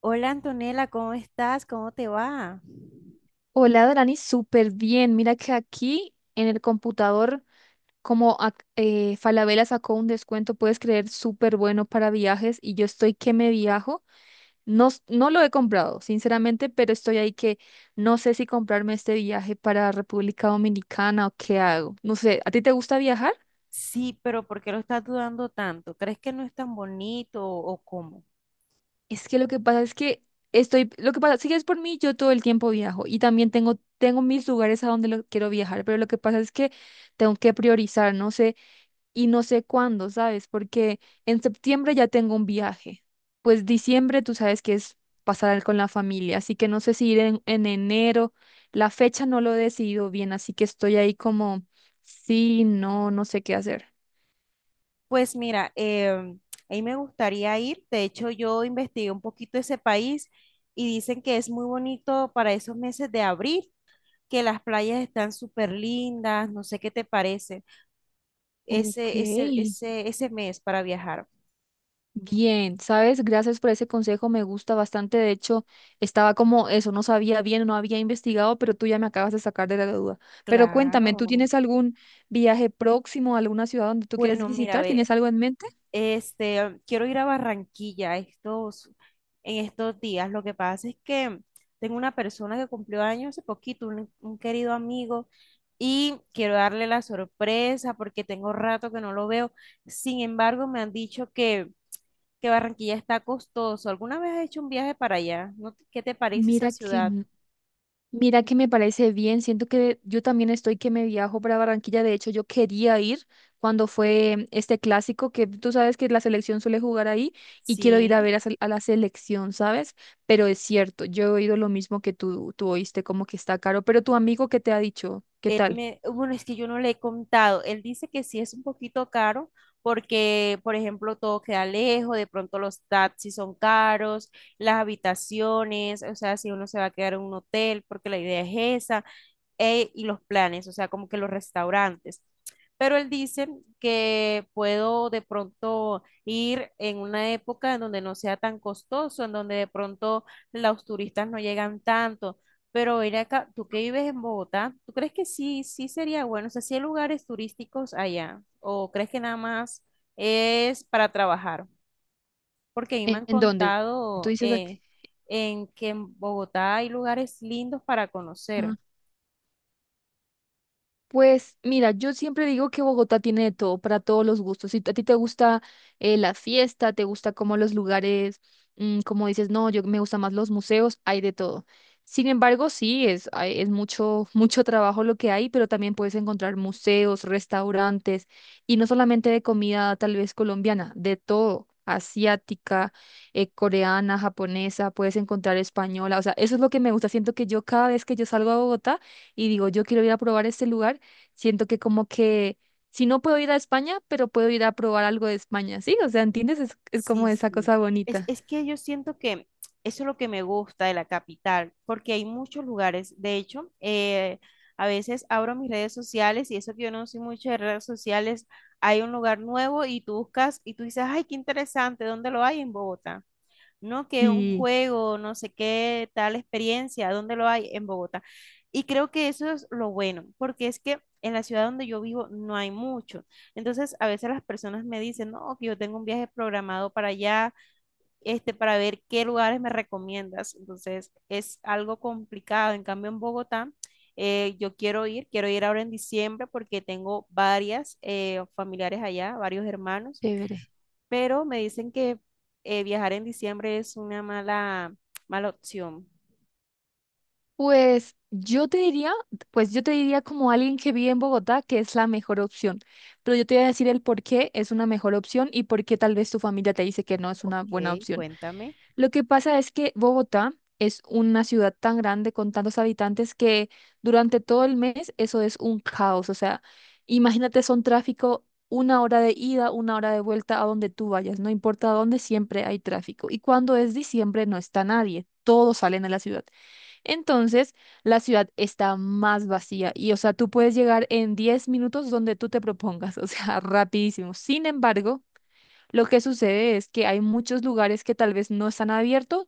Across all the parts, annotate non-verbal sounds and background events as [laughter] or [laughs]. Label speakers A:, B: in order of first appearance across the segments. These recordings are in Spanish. A: Hola Antonella, ¿cómo estás? ¿Cómo te va?
B: Hola, Dorani, súper bien. Mira que aquí en el computador, Falabella sacó un descuento, puedes creer, súper bueno para viajes y yo estoy que me viajo. No, no lo he comprado, sinceramente, pero estoy ahí que no sé si comprarme este viaje para República Dominicana o qué hago. No sé, ¿a ti te gusta viajar?
A: Sí, pero ¿por qué lo estás dudando tanto? ¿Crees que no es tan bonito o cómo?
B: Es que lo que pasa es que lo que pasa, si es por mí, yo todo el tiempo viajo y también tengo, tengo mis lugares a donde lo quiero viajar, pero lo que pasa es que tengo que priorizar, no sé. Y no sé cuándo, ¿sabes? Porque en septiembre ya tengo un viaje. Pues diciembre tú sabes que es pasar con la familia, así que no sé si ir en enero. La fecha no lo he decidido bien, así que estoy ahí como, sí, no, no sé qué hacer.
A: Pues mira, a mí me gustaría ir. De hecho, yo investigué un poquito ese país y dicen que es muy bonito para esos meses de abril, que las playas están súper lindas. No sé qué te parece
B: Ok.
A: ese mes para viajar.
B: Bien, sabes, gracias por ese consejo, me gusta bastante. De hecho, estaba como eso, no sabía bien, no había investigado, pero tú ya me acabas de sacar de la duda. Pero cuéntame,
A: Claro.
B: ¿tú tienes algún viaje próximo a alguna ciudad donde tú quieres
A: Bueno, mira,
B: visitar?
A: ve,
B: ¿Tienes algo en mente?
A: este, quiero ir a Barranquilla en estos días. Lo que pasa es que tengo una persona que cumplió años hace poquito, un querido amigo, y quiero darle la sorpresa porque tengo rato que no lo veo. Sin embargo, me han dicho que Barranquilla está costoso. ¿Alguna vez has hecho un viaje para allá? ¿No? ¿Qué te parece esa
B: Mira
A: ciudad?
B: mira que me parece bien. Siento que yo también estoy que me viajo para Barranquilla. De hecho, yo quería ir cuando fue este clásico que tú sabes que la selección suele jugar ahí y quiero ir a
A: Sí.
B: ver a la selección, ¿sabes? Pero es cierto, yo he oído lo mismo que tú oíste, como que está caro. Pero tu amigo, ¿qué te ha dicho? ¿Qué
A: Él
B: tal?
A: me, bueno, es que yo no le he contado. Él dice que sí es un poquito caro porque, por ejemplo, todo queda lejos, de pronto los taxis son caros, las habitaciones, o sea, si uno se va a quedar en un hotel, porque la idea es esa, y los planes, o sea, como que los restaurantes. Pero él dice que puedo de pronto ir en una época en donde no sea tan costoso, en donde de pronto los turistas no llegan tanto. Pero ir acá, tú que vives en Bogotá, ¿tú crees que sí sería bueno? O sea, ¿sí hay lugares turísticos allá? ¿O crees que nada más es para trabajar? Porque a mí me
B: ¿En,
A: han
B: en dónde? Tú
A: contado
B: dices aquí.
A: en que en Bogotá hay lugares lindos para
B: Ah.
A: conocer.
B: Pues mira, yo siempre digo que Bogotá tiene de todo para todos los gustos. Si a ti te gusta la fiesta, te gusta como los lugares, como dices, no, yo me gustan más los museos, hay de todo. Sin embargo, sí, es, es mucho, [laughs] mucho trabajo lo que hay, pero también puedes encontrar museos, restaurantes, y no solamente de comida tal vez colombiana, de todo, asiática, coreana, japonesa, puedes encontrar española. O sea, eso es lo que me gusta. Siento que yo cada vez que yo salgo a Bogotá, y digo, yo quiero ir a probar este lugar. Siento que como que si no puedo ir a España, pero puedo ir a probar algo de España, ¿sí? O sea, ¿entiendes? Es
A: Sí,
B: como esa
A: sí.
B: cosa
A: Es,
B: bonita.
A: es que yo siento que eso es lo que me gusta de la capital, porque hay muchos lugares. De hecho, a veces abro mis redes sociales y eso que yo no soy mucho de redes sociales, hay un lugar nuevo y tú buscas y tú dices, ay, qué interesante, ¿dónde lo hay? En Bogotá no, que un
B: Sí.
A: juego, no sé qué, tal experiencia, ¿dónde lo hay? En Bogotá. Y creo que eso es lo bueno, porque es que en la ciudad donde yo vivo no hay mucho. Entonces, a veces las personas me dicen, no, que yo tengo un viaje programado para allá, este, para ver qué lugares me recomiendas. Entonces, es algo complicado. En cambio, en Bogotá, quiero ir ahora en diciembre porque tengo varias familiares allá, varios hermanos,
B: Chévere.
A: pero me dicen que viajar en diciembre es una mala opción.
B: Pues yo te diría, pues yo te diría como alguien que vive en Bogotá que es la mejor opción, pero yo te voy a decir el por qué es una mejor opción y por qué tal vez tu familia te dice que no es una buena
A: Ok,
B: opción.
A: cuéntame.
B: Lo que pasa es que Bogotá es una ciudad tan grande con tantos habitantes que durante todo el mes eso es un caos. O sea, imagínate, son tráfico una hora de ida, una hora de vuelta a donde tú vayas. No importa dónde, siempre hay tráfico. Y cuando es diciembre no está nadie. Todos salen a la ciudad. Entonces, la ciudad está más vacía y, o sea, tú puedes llegar en 10 minutos donde tú te propongas, o sea, [laughs] rapidísimo. Sin embargo, lo que sucede es que hay muchos lugares que tal vez no están abiertos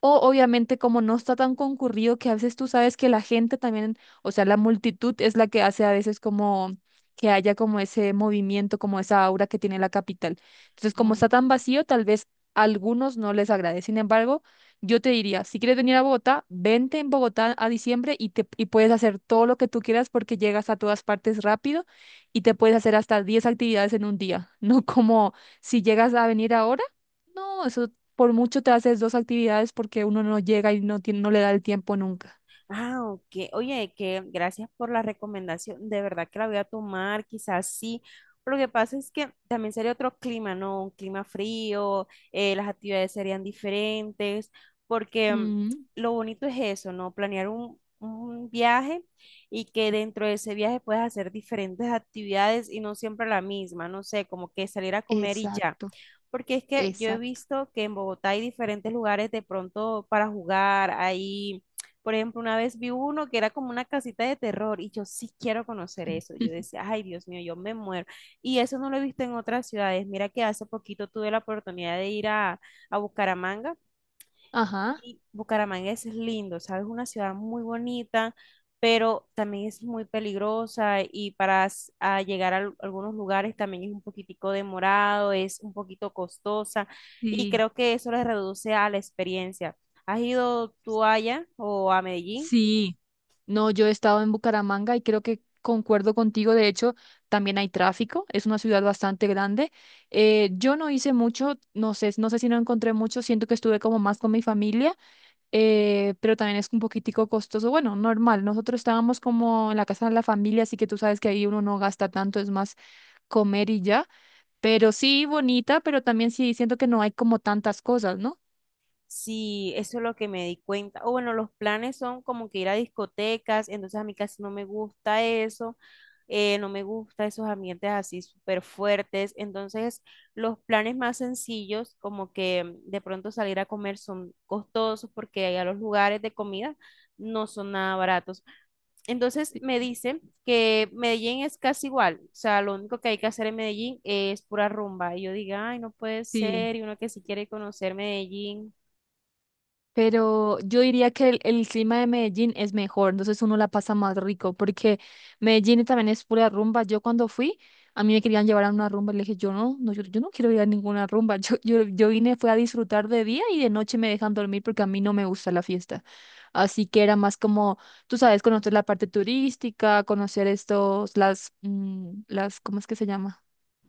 B: o obviamente como no está tan concurrido que a veces tú sabes que la gente también, o sea, la multitud es la que hace a veces como que haya como ese movimiento, como esa aura que tiene la capital. Entonces, como está tan vacío, tal vez a algunos no les agrade. Sin embargo, yo te diría, si quieres venir a Bogotá, vente en Bogotá a diciembre y puedes hacer todo lo que tú quieras porque llegas a todas partes rápido y te puedes hacer hasta 10 actividades en un día, [laughs] no como si llegas a venir ahora. No, eso por mucho te haces dos actividades porque uno no llega y no tiene, no le da el tiempo nunca.
A: Ah, ok. Oye, que gracias por la recomendación. De verdad que la voy a tomar, quizás sí. Lo que pasa es que también sería otro clima, ¿no? Un clima frío, las actividades serían diferentes, porque
B: Mm,
A: lo bonito es eso, ¿no? Planear un viaje y que dentro de ese viaje puedas hacer diferentes actividades y no siempre la misma, no sé, como que salir a comer y ya.
B: exacto,
A: Porque es que yo he
B: exacto.
A: visto que en Bogotá hay diferentes lugares de pronto para jugar, hay por ejemplo, una vez vi uno que era como una casita de terror y yo sí quiero conocer eso. Yo
B: [laughs]
A: decía, ay, Dios mío, yo me muero. Y eso no lo he visto en otras ciudades. Mira que hace poquito tuve la oportunidad de ir a Bucaramanga
B: Ajá.
A: y Bucaramanga es lindo, ¿sabes? Una ciudad muy bonita, pero también es muy peligrosa y a llegar a algunos lugares también es un poquitico demorado, es un poquito costosa y
B: Sí,
A: creo que eso le reduce a la experiencia. ¿Has ido tú allá o a Medellín?
B: sí. No, yo he estado en Bucaramanga y creo que concuerdo contigo. De hecho, también hay tráfico. Es una ciudad bastante grande. Yo no hice mucho, no sé, no sé si no encontré mucho. Siento que estuve como más con mi familia, pero también es un poquitico costoso. Bueno, normal. Nosotros estábamos como en la casa de la familia, así que tú sabes que ahí uno no gasta tanto. Es más, comer y ya, pero sí bonita, pero también sí siento que no hay como tantas cosas, ¿no?
A: Sí, eso es lo que me di cuenta. O bueno, los planes son como que ir a discotecas, entonces a mí casi no me gusta eso, no me gusta esos ambientes así súper fuertes. Entonces, los planes más sencillos, como que de pronto salir a comer, son costosos porque allá los lugares de comida no son nada baratos. Entonces,
B: Sí.
A: me dicen que Medellín es casi igual, o sea, lo único que hay que hacer en Medellín es pura rumba. Y yo digo, ay, no puede
B: Sí.
A: ser, y uno que sí quiere conocer Medellín.
B: Pero yo diría que el clima de Medellín es mejor, entonces uno la pasa más rico, porque Medellín también es pura rumba. Yo cuando fui, a mí me querían llevar a una rumba, y le dije, yo no, no, yo no quiero ir a ninguna rumba, [laughs] yo vine, fue a disfrutar de día y de noche me dejan dormir porque a mí no me gusta la fiesta. Así que era más como, tú sabes, conocer la parte turística, conocer estos, las, las, ¿cómo es que se llama?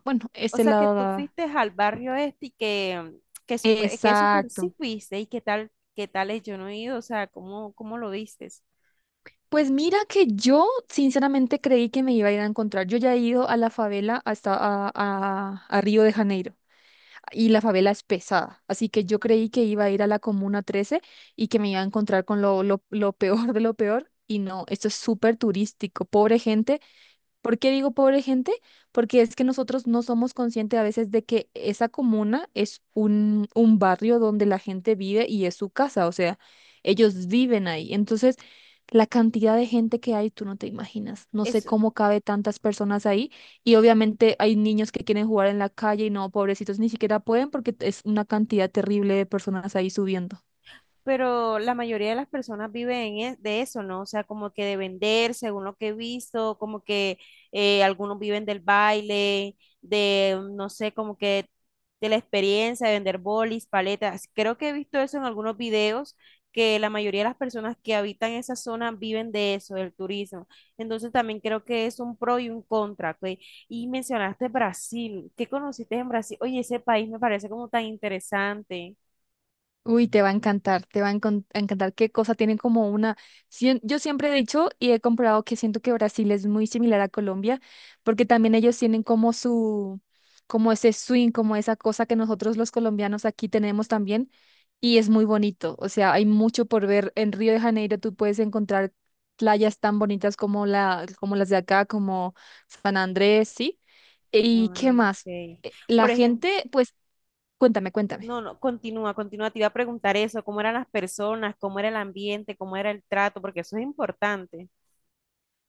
B: Bueno,
A: O
B: este
A: sea, que
B: lado
A: tú
B: daba.
A: fuiste al barrio este que super sí
B: Exacto.
A: fuiste y qué tal es, yo no he ido, o sea, ¿cómo lo vistes?
B: Pues mira que yo sinceramente creí que me iba a ir a encontrar. Yo ya he ido a la favela hasta a Río de Janeiro y la favela es pesada. Así que yo creí que iba a ir a la Comuna 13 y que me iba a encontrar con lo, lo peor de lo peor. Y no, esto es súper turístico. Pobre gente. ¿Por qué digo pobre gente? Porque es que nosotros no somos conscientes a veces de que esa comuna es un barrio donde la gente vive y es su casa, o sea, ellos viven ahí. Entonces, la cantidad de gente que hay, tú no te imaginas. No sé cómo cabe tantas personas ahí. Y obviamente hay niños que quieren jugar en la calle y no, pobrecitos, ni siquiera pueden porque es una cantidad terrible de personas ahí subiendo.
A: Pero la mayoría de las personas viven de eso, ¿no? O sea, como que de vender, según lo que he visto, como que algunos viven del baile, de, no sé, como que de la experiencia de vender bolis, paletas. Creo que he visto eso en algunos videos, que la mayoría de las personas que habitan esa zona viven de eso, del turismo. Entonces también creo que es un pro y un contra, ¿ok? Y mencionaste Brasil, ¿qué conociste en Brasil? Oye, ese país me parece como tan interesante.
B: Uy, te va a encantar, te va a a encantar qué cosa tienen como una... Yo siempre he dicho y he comprobado que siento que Brasil es muy similar a Colombia, porque también ellos tienen como su, como ese swing, como esa cosa que nosotros los colombianos aquí tenemos también, y es muy bonito. O sea, hay mucho por ver. En Río de Janeiro tú puedes encontrar playas tan bonitas como la, como las de acá, como San Andrés, ¿sí? ¿Y qué
A: Ah,
B: más?
A: ok. Por
B: La
A: ejemplo,
B: gente, pues, cuéntame, cuéntame.
A: no, no, continúa, continúa. Te iba a preguntar eso, cómo eran las personas, cómo era el ambiente, cómo era el trato, porque eso es importante.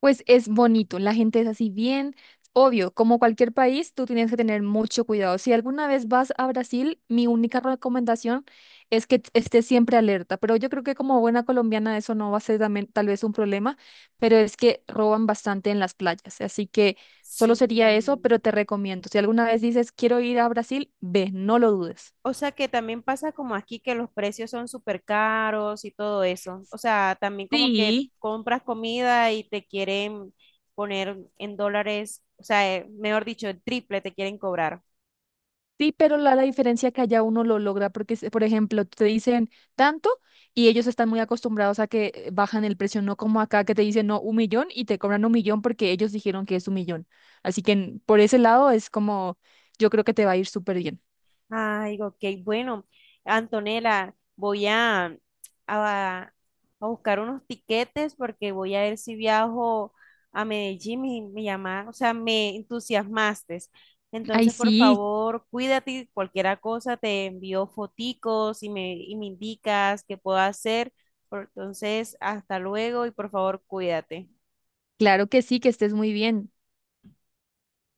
B: Pues es bonito, la gente es así bien, obvio, como cualquier país, tú tienes que tener mucho cuidado. Si alguna vez vas a Brasil, mi única recomendación es que estés siempre alerta, pero yo creo que como buena colombiana eso no va a ser también, tal vez un problema, pero es que roban bastante en las playas, así que solo sería eso,
A: Sí.
B: pero te recomiendo, si alguna vez dices quiero ir a Brasil, ve, no lo dudes.
A: O sea que también pasa como aquí que los precios son súper caros y todo eso. O sea, también como que
B: Sí.
A: compras comida y te quieren poner en dólares, o sea, mejor dicho, el triple te quieren cobrar.
B: Sí, pero la diferencia que allá uno lo logra, porque, por ejemplo, te dicen tanto y ellos están muy acostumbrados a que bajan el precio, no como acá que te dicen no, un millón y te cobran un millón porque ellos dijeron que es un millón. Así que por ese lado es como, yo creo que te va a ir súper bien.
A: Ay, ok, bueno, Antonella, voy a, a buscar unos tiquetes porque voy a ver si viajo a Medellín, o sea, me entusiasmaste.
B: Ay,
A: Entonces, por
B: sí,
A: favor, cuídate, y cualquier cosa, te envío foticos y me indicas qué puedo hacer. Entonces, hasta luego y por favor, cuídate.
B: claro que sí, que estés muy bien.